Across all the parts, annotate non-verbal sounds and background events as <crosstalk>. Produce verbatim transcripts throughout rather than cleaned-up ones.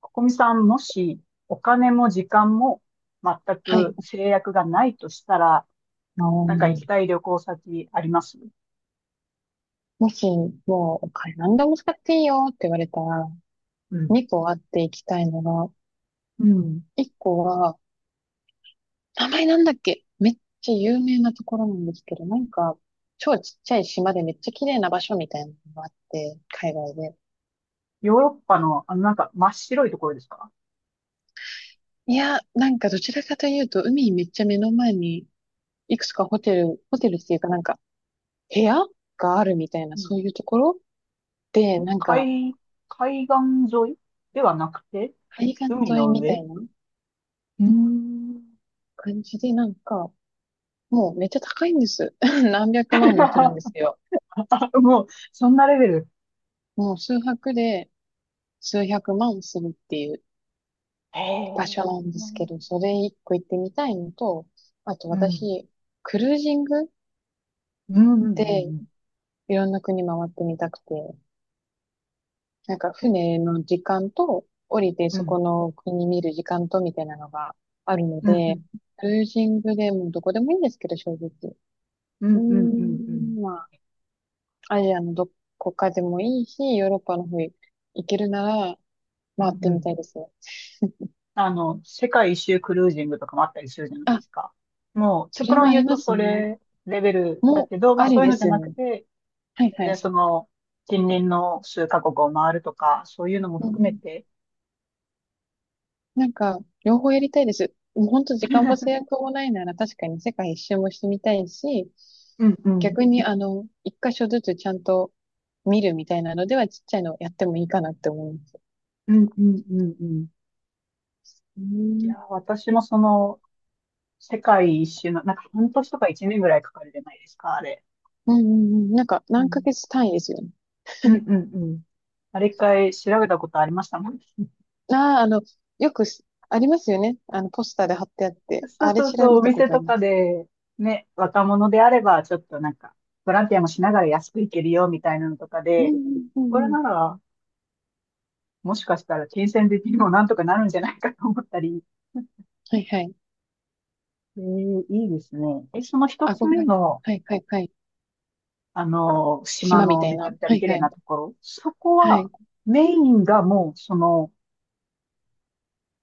ここみさん、もしお金も時間も全はくい。制約がないとしたら、あの、なんか行きたい旅行先あります？もし、もう、お金何でも使っていいよって言われたら、うん。にこあっていきたいのが、うん。いっこは、名前なんだっけめっちゃ有名なところなんですけど、なんか、超ちっちゃい島でめっちゃ綺麗な場所みたいなのがあって、海外で。ヨーロッパの、あの、なんか真っ白いところですか？いや、なんかどちらかというと、海めっちゃ目の前に、いくつかホテル、ホテルっていうかなんか、部屋があるみたいな、うそうん。いうところで、なんか、海、海岸沿いではなくて、海岸海沿いのみ上。たういなーん。 感じで、なんか、もうめっちゃ高いんです。<laughs> 何百万もするんで <laughs> すよ。もう、そんなレベル。もう数泊で数百万するっていうへ場え。所なんでうすけん。ど、それ一個行ってみたいのと、あとうん、私、クルージングうん、うん、うでん。いろんな国回ってみたくて、なんかえ、船の時間と降りてうそこん、の国見る時間とみたいなのがあるのうん、うで、ん、クルージングでもどこでもいいんですけど、正直。ううーん、うん、うん、うん、ん、まあ、アジアのどこかでもいいし、ヨーロッパの方行けるなら、うん、回っうん、てうみたん、いですね。あの、世界一周クルージングとかもあったりするじゃないあ、ですか。もう、そ極れも論あ言うりまとすそね。れレベルだもう、けど、まああそりういうでのじすゃよなくね。て、はい全は然い。その、近隣の数カ国を回るとか、そういうのもうんう含めん、て、なんか、両方やりたいです。もう本当時間も制 <laughs> 約もないなら確かに世界一周もしてみたいし、うんうん。逆にあの、一箇所ずつちゃんと見るみたいなのではちっちゃいのやってもいいかなって思います。うんうんうんうん。ういや、ん。私もその、世界一周の、なんか半年とか一年ぐらいかかるじゃないですか、あれ。うんうんうん。なんかう何ヶん月単位ですよね。うんうんうん。あれ一回調べたことありましたもん。ああ、あの、よくすありますよね。あの、ポスターで貼ってあって、そうあれそう調そう、べおたこ店とあとりまかす。で、ね、若者であれば、ちょっとなんか、ボランティアもしながら安く行けるよ、みたいなのとかうんで、うんうこんれうん。なら、もしかしたら金銭的にもなんとかなるんじゃないかと思ったり、はいはい。えー、いいですね。え、その一あ、つご目めん。の、はいはいはい。あの、島島みのたいめちゃな。くちゃはい綺麗はい。なところ、そこはは、い。メインがもう、その、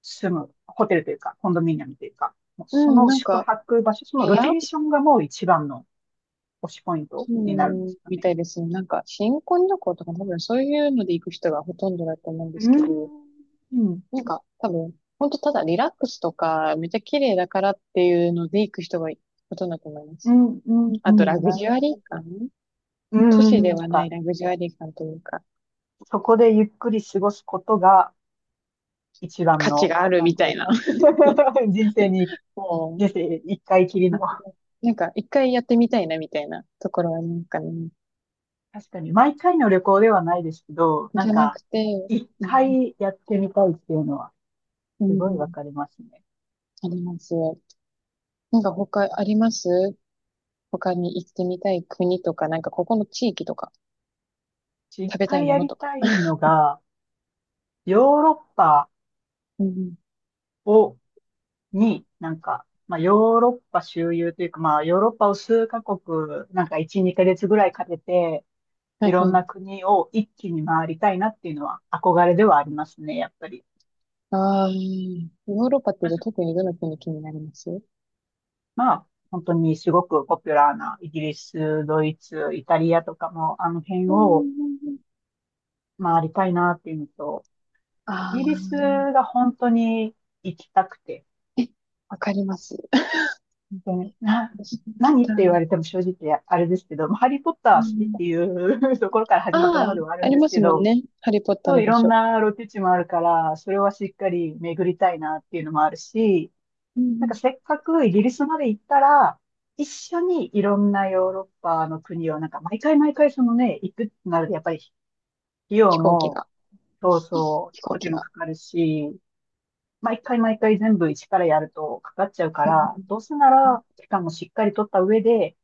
住む、ホテルというか、コンドミニアムというか、もううそん、のなん宿か、泊場所、その部ロケ屋、ーションがもう一番の推しポイントうになるんでん、すかみね。たいですね。なんか、新婚旅行とか多分そういうので行く人がほとんどだと思うんでうすけど、ん。うん。なんか、多分、ほんとただリラックスとか、めっちゃ綺麗だからっていうので行く人がほとんどだと思いまうす。ん。うん。うあと、ラん、グなジュるアほリーど。感、う都市でん。なんはないか、ラグジュアリー感というか、そこでゆっくり過ごすことが一番価値の、があるなんみてたいういか、 な。<laughs> 人生に、<laughs> も人生一回きりう、の。なんか、一回やってみたいなみたいなところはなんかね、確かに、毎回の旅行ではないですけど、なじんゃなか、くて、一うん回やってみたいっていうのは、うすごいわん、かりますね。あります。なんか他あります、他に行ってみたい国とか、なんかここの地域とか、一食べたい回もやのりとか。たいのが、ヨーロッパうんうん。をに、なんか、まあ、ヨーロッパ周遊というか、まあ、ヨーロッパを数カ国、なんかいち、にかげつぐらいかけて、はいいろはんい。な国を一気に回りたいなっていうのは憧れではありますね、やっぱり。ああ、ヨーロッパってまあ、じちゃょ特にどの国気になります？うんまあ本当にすごくポピュラーなイギリス、ドイツ、イタリアとかも、あの辺うをんうん。回りたいなっていうのと、イあギリスあ、が本当に行きたくて、え、わかります。本当に、な、私も来何った。て言われても正直あれですけど、まあハリーポッターうは好きっん、ていう <laughs> ところから始まったもあのあ、ではあるあんりですまけすもんど、ね。ハリーポッターそのうい場ろん所。なロケ地もあるから、それはしっかり巡りたいなっていうのもあるし、うんうなんかん。せっかくイギリスまで行ったら、一緒にいろんなヨーロッパの国を、なんか毎回毎回そのね、行くってなると、やっぱり費用飛行機も、が、そうそう、飛飛行行機機もが。かかるし、毎回毎回全部一からやるとかかっちゃうかうら、んどうせなら、期間もしっかり取った上で、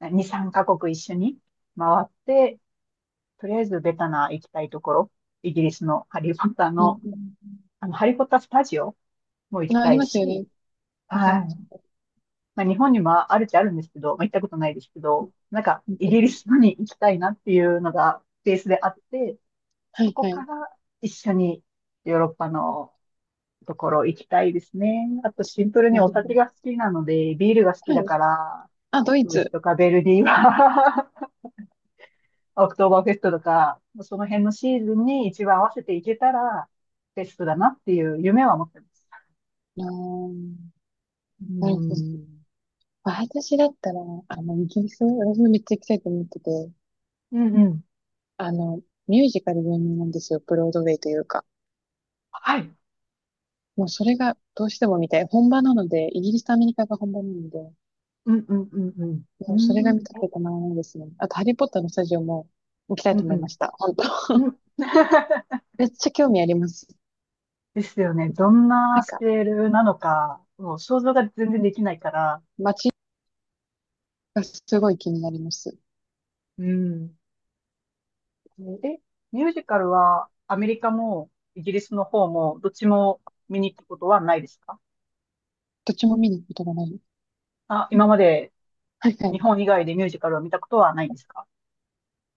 に、さんカ国一緒に回って、とりあえずベタな行きたいところ、イギリスのハリーポッターうんの、あの、ハリーポッタースタジオもう行ん。きあ、あたりいますよね。し、わかりはます。い。まあ、日本にもあるっちゃあるんですけど、まあ、行ったことないですけど、なんか、うんイうギんリうん、スのに行きたいなっていうのがベースであって、はそいこはかい。ら一緒にヨーロッパのところ行きたいですね。あとシンプルになおるほ酒が好きなので、ビールが好きだど。から、あ、ドイドイツツ。とかベルディはオクトーバーフェストとか、その辺のシーズンに一番合わせていけたら、ベストだなっていう夢は持ってます。あー、うなるほど。ん。私だったら、あの、イギリス、私もめっちゃ行きたいと思ってて、うんうん。あの、ミュージカル有名なんですよ。ブロードウェイというか。はい。もうそれがどうしても見たい。本場なので、イギリスとアメリカが本場なので、うんうんうんうん。もうそれうが見たくんてたまらないですね。あと、ハリーポッターのスタジオも行きたいうんと思いました。本当。<laughs> うん。うん。<laughs> めっちゃ興味あります。ですよね。どんななんスか、ケールなのか、もう想像が全然できないから。街がすごい気になります。うん。うん。え、ミュージカルはアメリカもイギリスの方もどっちも見に行くことはないですか？どっちも見に行くことがない。あ、今まではいは日い。本以外でミュージカルを見たことはないんですか？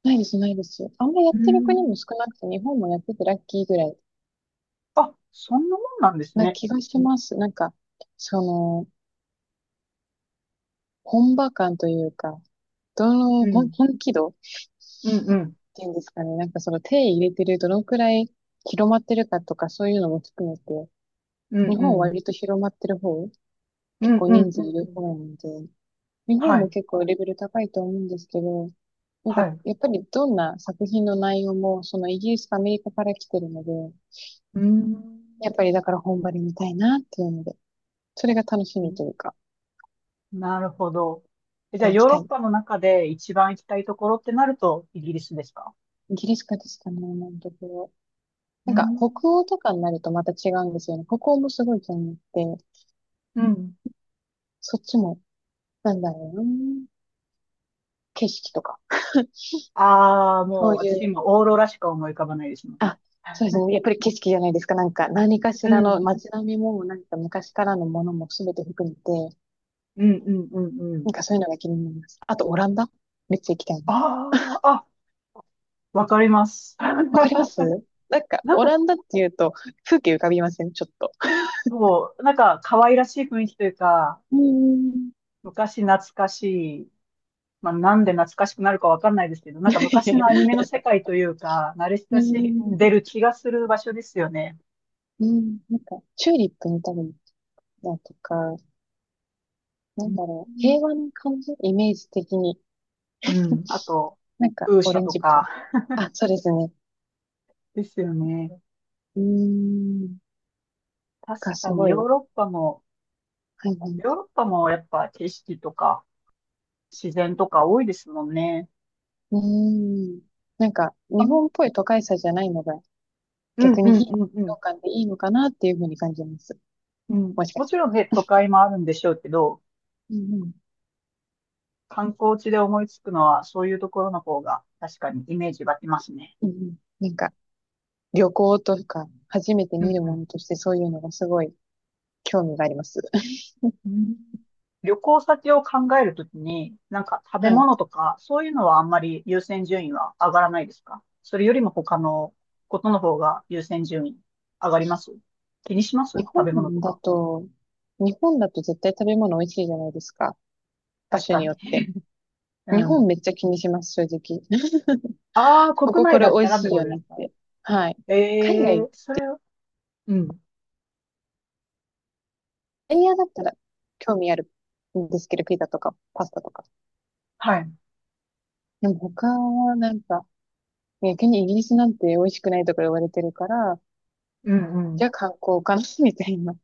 ないです、ないです。あんまやうってる国ん。も少なくて、日本もやっててラッキーぐらい。あ、そんなもんなんですなね。気がします。なんか、その、本場感というか、どの、うほんん。本気度っうんうん。ていうんですかね。なんかその手入れてるどのくらい広まってるかとかそういうのも含めて、う日ん本うはん。割と広まってる方、う結ん構うん人う数んういる方ん。なので、日本はもい。結構レベル高いと思うんですけど、なんかはい。うやっぱりどんな作品の内容もそのイギリスとアメリカから来てるので、ーん。やっぱりだから本場で見たいなっていうので、それが楽しみというか、なるほど。え、じまゃたあ、行ヨきーロたッいパの中で一番行きたいところってなると、イギリスですか？ギリシカですかね、今のところ。なうーんか、ん。北欧とかになるとまた違うんですよね。北欧もすごい気に入って、うん。そっちも、なんだろうな、景色とか。ああー、そもううい私う、今、オーロラしか思い浮かばないですね。あ、そうですね。やっぱり景色じゃないですか。なんか、何かしうらのん。街並みも、なんか昔からのものも全て含めて、うんうんうんうん。なんかそういうのが気になります。あと、オランダめっちゃ行きたいな。ああ、あ、わかります。<laughs> わかります、なんか、なんオか、ランダっていうと、風景浮かびません？ちょっと。そう、なんか、可愛らしい雰囲気というか、うーん。昔懐かしい、まあ、なんで懐かしくなるかわかんないですけど、なんか昔のアニメの <laughs> 世界というか、慣れうー親しんでん。る気がする場所ですよね。うん。なんか、チューリップ見たりだとか、なうんだろう、ん平和な感じイメージ的に。うん。あと、なんか、風オ車レンとジっぽい。か、あ、そうですね。ですよね。うーん。確がかすにごい。ヨーはロッパも、いはい。ヨーロッパもやっぱ景色とか自然とか多いですもんね。うーん。なんか、あ日の、本っぽい都会さじゃないのが、うん逆うにん非日うんうん。常感でいいのかなっていうふうに感じます。うん。もしかもしちたろんらね、都会もあるんでしょうけど、うんうん。観光地で思いつくのはそういうところの方が確かにイメージ湧きますね。うんうん。なんか、旅行とか、初めてう見んるうもん。のとしてそういうのがすごい興味があります。うん。旅行先を考えるときに、なんか <laughs> 食べは物い。とか、そういうのはあんまり優先順位は上がらないですか？それよりも他のことの方が優先順位上がります？気にします？日食本べ物とだか。と、日本だと絶対食べ物美味しいじゃないですか。場確所かによに。って。<laughs> 日う本ん。めっちゃ気にします、正直。<laughs> ああ、こ国こ内これだっ美た味らっしていこよとでねっすか？て。はい。え、え海外、ー、それを、うん。エリアだったら興味あるんですけど、ピザとかパスタとか。はい。でも他はなんか、逆にイギリスなんて美味しくないとか言われてるから、うんうじん。ゃあ観光かな <laughs> みたいな。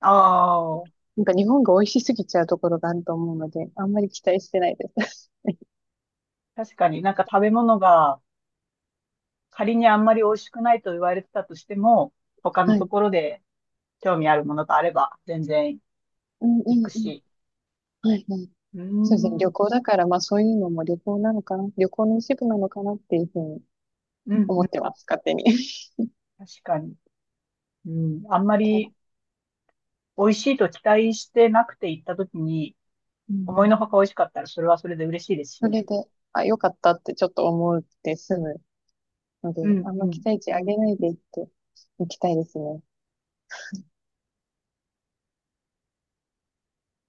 ああ、なんか日本が美味しすぎちゃうところがあると思うので、あんまり期待してないです。確かになんか食べ物が仮にあんまり美味しくないと言われてたとしても、他 <laughs> のはとい。ころで興味あるものがあれば全然うんう行くんうん。し。はいはい。うーそうですね。ん、うん、旅行だから、まあそういうのも旅行なのかな。旅行の一部なのかなっていうふうにうん、思ってます、勝手に。確かに。うん、あんまり <laughs> 美味しいと期待してなくて行った時に、う思いん。のほか美味しかったら、それはそれで嬉しいですしそれね。で、あ、よかったってちょっと思って済むので、うん、あんうま期ん、待値う上ん。げないでいっていきたいですね。